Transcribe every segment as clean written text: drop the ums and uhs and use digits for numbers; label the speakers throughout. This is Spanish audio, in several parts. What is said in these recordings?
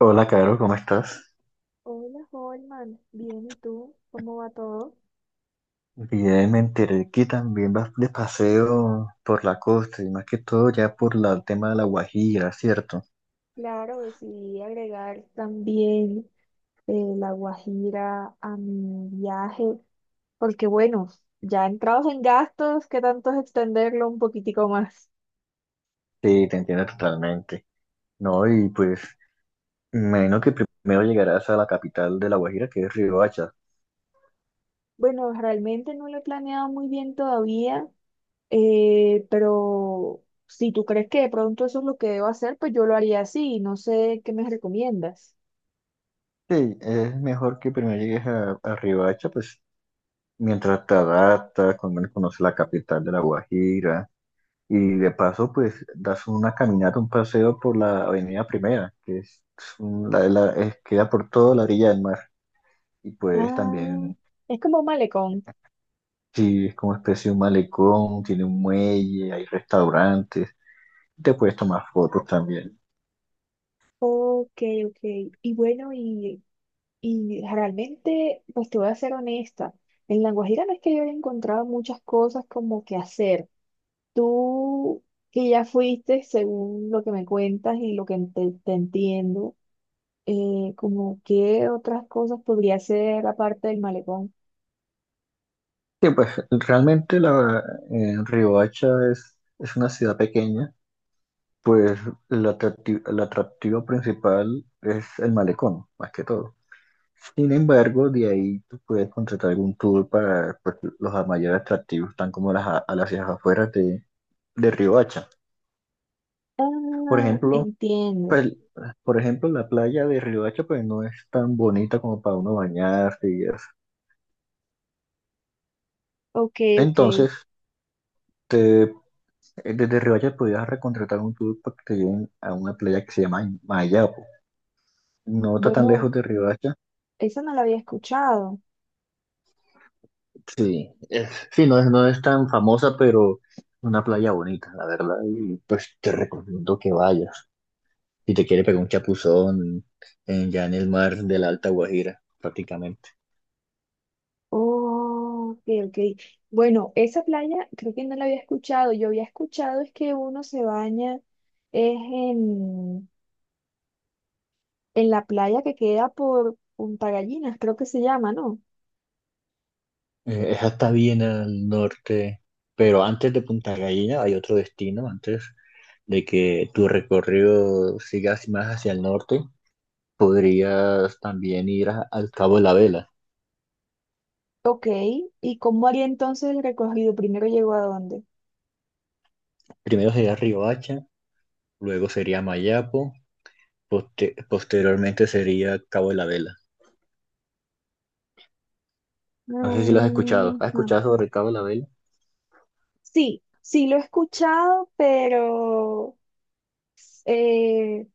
Speaker 1: Hola, Caro, ¿cómo estás?
Speaker 2: Hola, Holman. Bien, ¿y tú? ¿Cómo va todo?
Speaker 1: Bien, me enteré que también vas de paseo por la costa y más que todo ya el tema de la Guajira, ¿cierto?
Speaker 2: Claro, decidí agregar también la Guajira a mi viaje, porque bueno, ya entrados en gastos, ¿qué tanto es extenderlo un poquitico más?
Speaker 1: Sí, te entiendo totalmente. No, y pues, menos que primero llegarás a la capital de la Guajira, que es Riohacha.
Speaker 2: Bueno, realmente no lo he planeado muy bien todavía, pero si tú crees que de pronto eso es lo que debo hacer, pues yo lo haría así. No sé qué me recomiendas.
Speaker 1: Sí, es mejor que primero llegues a Riohacha, pues, mientras te adaptas, con menos conoces la capital de la Guajira. Y de paso, pues das una caminata, un paseo por la Avenida Primera, que es, queda por toda la orilla del mar. Y pues
Speaker 2: Ah,
Speaker 1: también,
Speaker 2: es como un malecón.
Speaker 1: sí, es como especie de un malecón, tiene un muelle, hay restaurantes, te puedes tomar fotos también.
Speaker 2: Ok, ok. Y bueno, ¿y Y realmente, pues te voy a ser honesta, en La Guajira no es que yo haya encontrado muchas cosas como que hacer. Tú que ya fuiste, según lo que me cuentas y lo que te entiendo, como qué otras cosas podría hacer aparte del malecón.
Speaker 1: Y pues realmente Riohacha es una ciudad pequeña, pues el atractivo principal es el malecón, más que todo. Sin embargo, de ahí tú puedes contratar algún tour para pues, los mayores atractivos, están como a las afueras de Riohacha. Por
Speaker 2: Ah,
Speaker 1: ejemplo,
Speaker 2: entiendo.
Speaker 1: pues, por ejemplo, la playa de Riohacha pues, no es tan bonita como para uno bañarse y eso.
Speaker 2: Ok, ok.
Speaker 1: Entonces, te- desde Riohacha podrías recontratar un tour para que te lleven a una playa que se llama Mayapo. No está tan
Speaker 2: Bueno,
Speaker 1: lejos de Riohacha.
Speaker 2: esa no la había escuchado.
Speaker 1: Sí, sí, no es tan famosa, pero una playa bonita, la verdad, y pues te recomiendo que vayas. Y te quiere pegar un chapuzón en, ya en el mar de la Alta Guajira, prácticamente.
Speaker 2: Oh, ok, ok. Bueno, esa playa creo que no la había escuchado. Yo había escuchado es que uno se baña es en la playa que queda por Punta Gallinas, creo que se llama, ¿no?
Speaker 1: Esa está bien al norte, pero antes de Punta Gallina hay otro destino, antes de que tu recorrido siga más hacia el norte, podrías también ir al Cabo de la Vela.
Speaker 2: Ok, ¿y cómo haría entonces el recorrido? ¿Primero llegó a dónde?
Speaker 1: Primero sería Riohacha, luego sería Mayapo, posteriormente sería Cabo de la Vela. No sé si lo has
Speaker 2: Ajá.
Speaker 1: escuchado. ¿Has escuchado sobre el Cabo de la Vela?
Speaker 2: Sí, sí lo he escuchado, pero eh,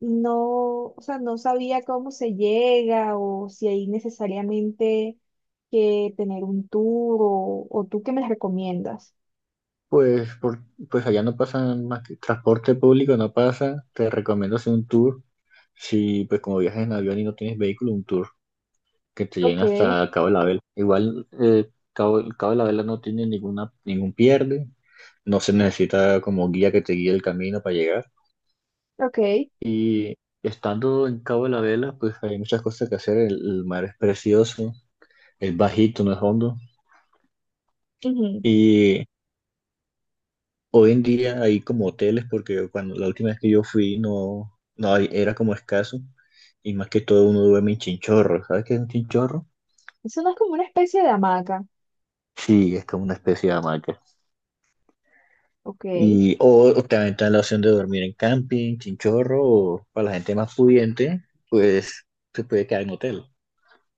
Speaker 2: no, o sea, no sabía cómo se llega o si hay necesariamente que tener un tour o tú qué me recomiendas.
Speaker 1: Pues, por, pues allá no pasa más que transporte público, no pasa. Te recomiendo hacer un tour. Si, pues, como viajas en avión y no tienes vehículo, un tour que te lleguen
Speaker 2: Ok,
Speaker 1: hasta Cabo de la Vela. Igual, Cabo de la Vela no tiene ningún pierde. No se necesita como guía que te guíe el camino para llegar.
Speaker 2: ok.
Speaker 1: Y estando en Cabo de la Vela, pues hay muchas cosas que hacer. El mar es precioso, es bajito, no es hondo.
Speaker 2: Ujú.
Speaker 1: Y hoy en día hay como hoteles porque cuando la última vez que yo fui no, no hay- era como escaso y más que todo uno duerme en chinchorro. ¿Sabes qué es un chinchorro?
Speaker 2: Eso no es como una especie de hamaca.
Speaker 1: Sí, es como una especie de hamaca.
Speaker 2: Ok.
Speaker 1: Y o también está la opción de dormir en camping, chinchorro o para la gente más pudiente, pues se puede quedar en hotel.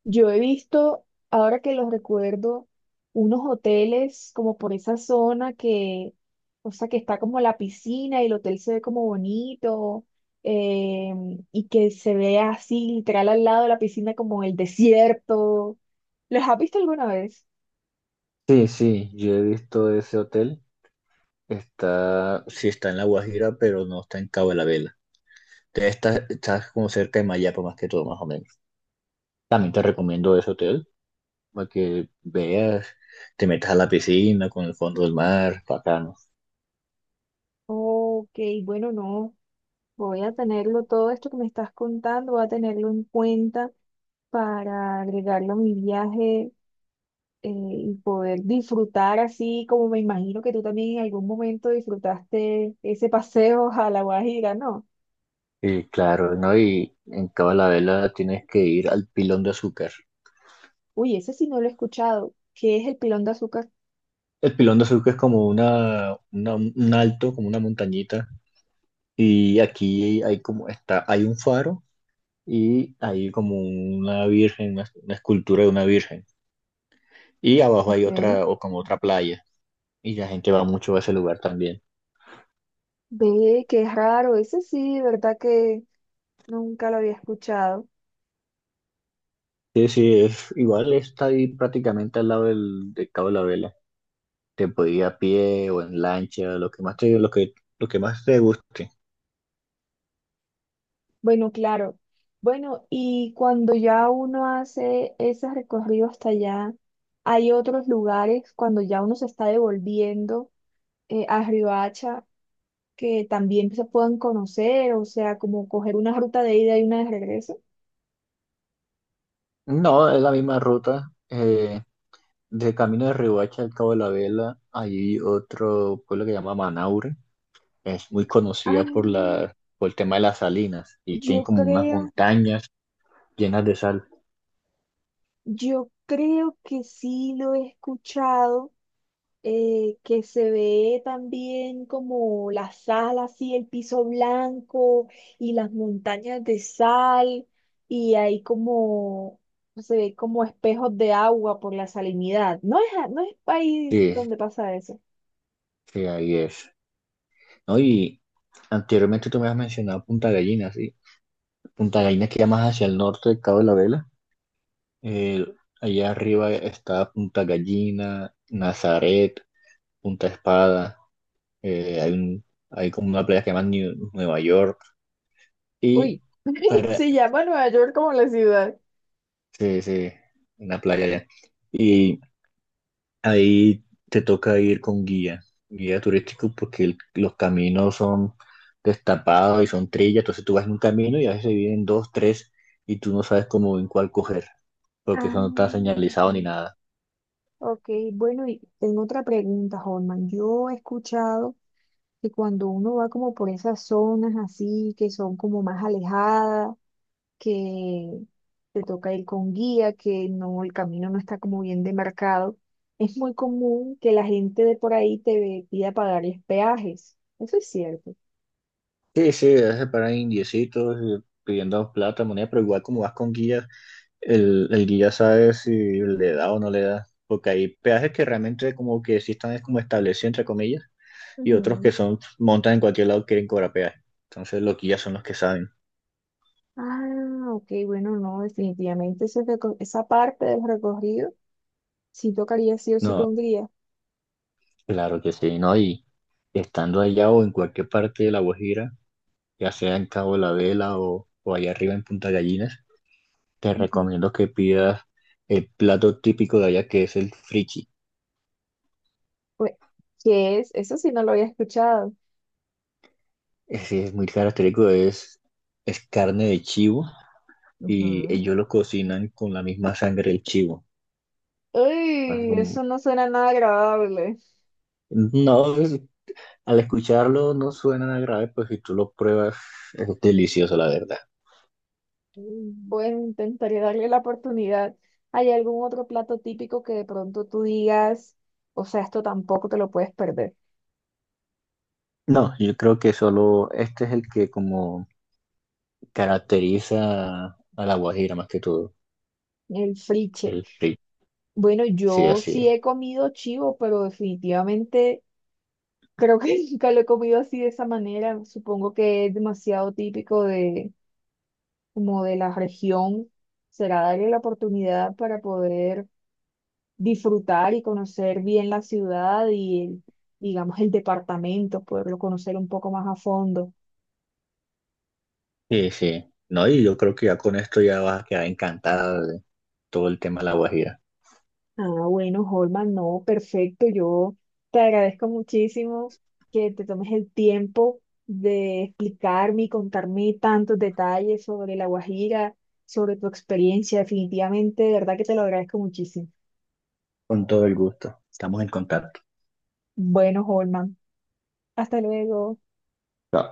Speaker 2: Yo he visto, ahora que los recuerdo, unos hoteles como por esa zona que, o sea, que está como la piscina y el hotel se ve como bonito, eh, y que se ve así literal al lado de la piscina como el desierto. ¿Los has visto alguna vez?
Speaker 1: Sí, sí, yo he visto ese hotel. Está, sí está en La Guajira, pero no está en Cabo de la Vela. Entonces, está, está como cerca de Mayapa más que todo, más o menos. También te recomiendo ese hotel, para que veas, te metas a la piscina con el fondo del mar, bacano.
Speaker 2: Ok, bueno, no, voy a tenerlo, todo esto que me estás contando, voy a tenerlo en cuenta para agregarlo a mi viaje, y poder disfrutar así como me imagino que tú también en algún momento disfrutaste ese paseo a La Guajira, ¿no?
Speaker 1: Y claro, ¿no? Y en Cabo la Vela tienes que ir al Pilón de Azúcar.
Speaker 2: Uy, ese sí no lo he escuchado. ¿Qué es el pilón de azúcar?
Speaker 1: El Pilón de Azúcar es como un alto, como una montañita, y aquí hay un faro y hay como una virgen, una escultura de una virgen. Y abajo hay
Speaker 2: Ok.
Speaker 1: otra, o como otra playa, y la gente va mucho a ese lugar también.
Speaker 2: Ve, qué raro. Ese sí, de ¿verdad que nunca lo había escuchado?
Speaker 1: Sí, sí, igual está ahí prácticamente al lado de Cabo la Vela. Te podía ir a pie o en lancha, lo que más te guste.
Speaker 2: Bueno, claro. Bueno, y cuando ya uno hace ese recorrido hasta allá, hay otros lugares cuando ya uno se está devolviendo, a Riohacha, que también se puedan conocer, o sea, ¿como coger una ruta de ida y una de regreso?
Speaker 1: No, es la misma ruta. De camino de Riohacha al Cabo de la Vela hay otro pueblo que se llama Manaure. Es muy conocida
Speaker 2: Ah,
Speaker 1: por el tema de las salinas y tiene
Speaker 2: yo
Speaker 1: como unas
Speaker 2: creo,
Speaker 1: montañas llenas de sal.
Speaker 2: yo creo que sí lo he escuchado, que se ve también como la sal, así el piso blanco y las montañas de sal, y hay como, se ve como espejos de agua por la salinidad. No es, no es país
Speaker 1: Sí,
Speaker 2: donde pasa eso.
Speaker 1: sí, ahí es. ¿No? Y anteriormente tú me has mencionado Punta Gallina, ¿sí? Punta Gallina queda más hacia el norte del Cabo de la Vela. Eh, Allá arriba está Punta Gallina, Nazaret, Punta Espada, eh, hay, un- hay como una playa que se llama Nueva York. Y
Speaker 2: Uy,
Speaker 1: para,
Speaker 2: se llama Nueva York como la ciudad.
Speaker 1: sí, sí, una playa allá. Y ahí te toca ir con guía, guía turístico porque los caminos son destapados y son trillas, entonces tú vas en un camino y a veces se vienen dos, tres y tú no sabes cómo en cuál coger porque
Speaker 2: Ah,
Speaker 1: eso no está señalizado ni
Speaker 2: ujú.
Speaker 1: nada.
Speaker 2: Ok, bueno, y tengo otra pregunta, Holman. Yo he escuchado que cuando uno va como por esas zonas así, que son como más alejadas, que te toca ir con guía, que no, el camino no está como bien demarcado, es muy común que la gente de por ahí te pida pagarles peajes. ¿Eso es cierto?
Speaker 1: Sí, sí, a veces paran indiecitos pidiendo plata, moneda, pero igual como vas con guía. El guía sabe si le da o no le da, porque hay peajes que realmente como que sí están es como establecidos entre comillas y otros
Speaker 2: Ujú.
Speaker 1: que son montan en cualquier lado quieren cobrar peaje. Entonces los guías son los que saben.
Speaker 2: Ah, ok, bueno, no, definitivamente ese esa parte del recorrido sí tocaría sí o sí
Speaker 1: No,
Speaker 2: con guía.
Speaker 1: claro que sí, ¿no? Y estando allá o en cualquier parte de La Guajira, ya sea en Cabo de La Vela o allá arriba en Punta Gallinas, te recomiendo que pidas el plato típico de allá que es el frichi.
Speaker 2: Ue- ¿Qué es? Eso sí no lo había escuchado.
Speaker 1: Ese es muy característico, es carne de chivo y
Speaker 2: Ujú.
Speaker 1: ellos lo cocinan con la misma sangre del chivo. Así
Speaker 2: Uy,
Speaker 1: como,
Speaker 2: eso no suena nada agradable.
Speaker 1: no, es- Al escucharlo no suena nada grave, pues si tú lo pruebas es delicioso, la verdad.
Speaker 2: Mm, bueno, intentaré darle la oportunidad. ¿Hay algún otro plato típico que de pronto tú digas, o sea, esto tampoco te lo puedes perder?
Speaker 1: No, yo creo que solo este es el que como caracteriza a la guajira más que todo.
Speaker 2: El friche.
Speaker 1: El pri-
Speaker 2: Bueno,
Speaker 1: Sí,
Speaker 2: yo
Speaker 1: así
Speaker 2: sí
Speaker 1: es.
Speaker 2: he comido chivo, pero definitivamente creo que nunca lo he comido así de esa manera. Supongo que es demasiado típico de, como de la región. Será darle la oportunidad para poder disfrutar y conocer bien la ciudad y, digamos, el departamento, poderlo conocer un poco más a fondo.
Speaker 1: Sí, sí. No, y yo creo que ya con esto ya vas a quedar encantada de todo el tema de la guajira.
Speaker 2: Ah, bueno, Holman, no, perfecto. Yo te agradezco muchísimo que te tomes el tiempo de explicarme y contarme tantos detalles sobre La Guajira, sobre tu experiencia. Definitivamente, de verdad que te lo agradezco muchísimo.
Speaker 1: Con todo el gusto. Estamos en contacto.
Speaker 2: Bueno, Holman, hasta luego.
Speaker 1: Chao.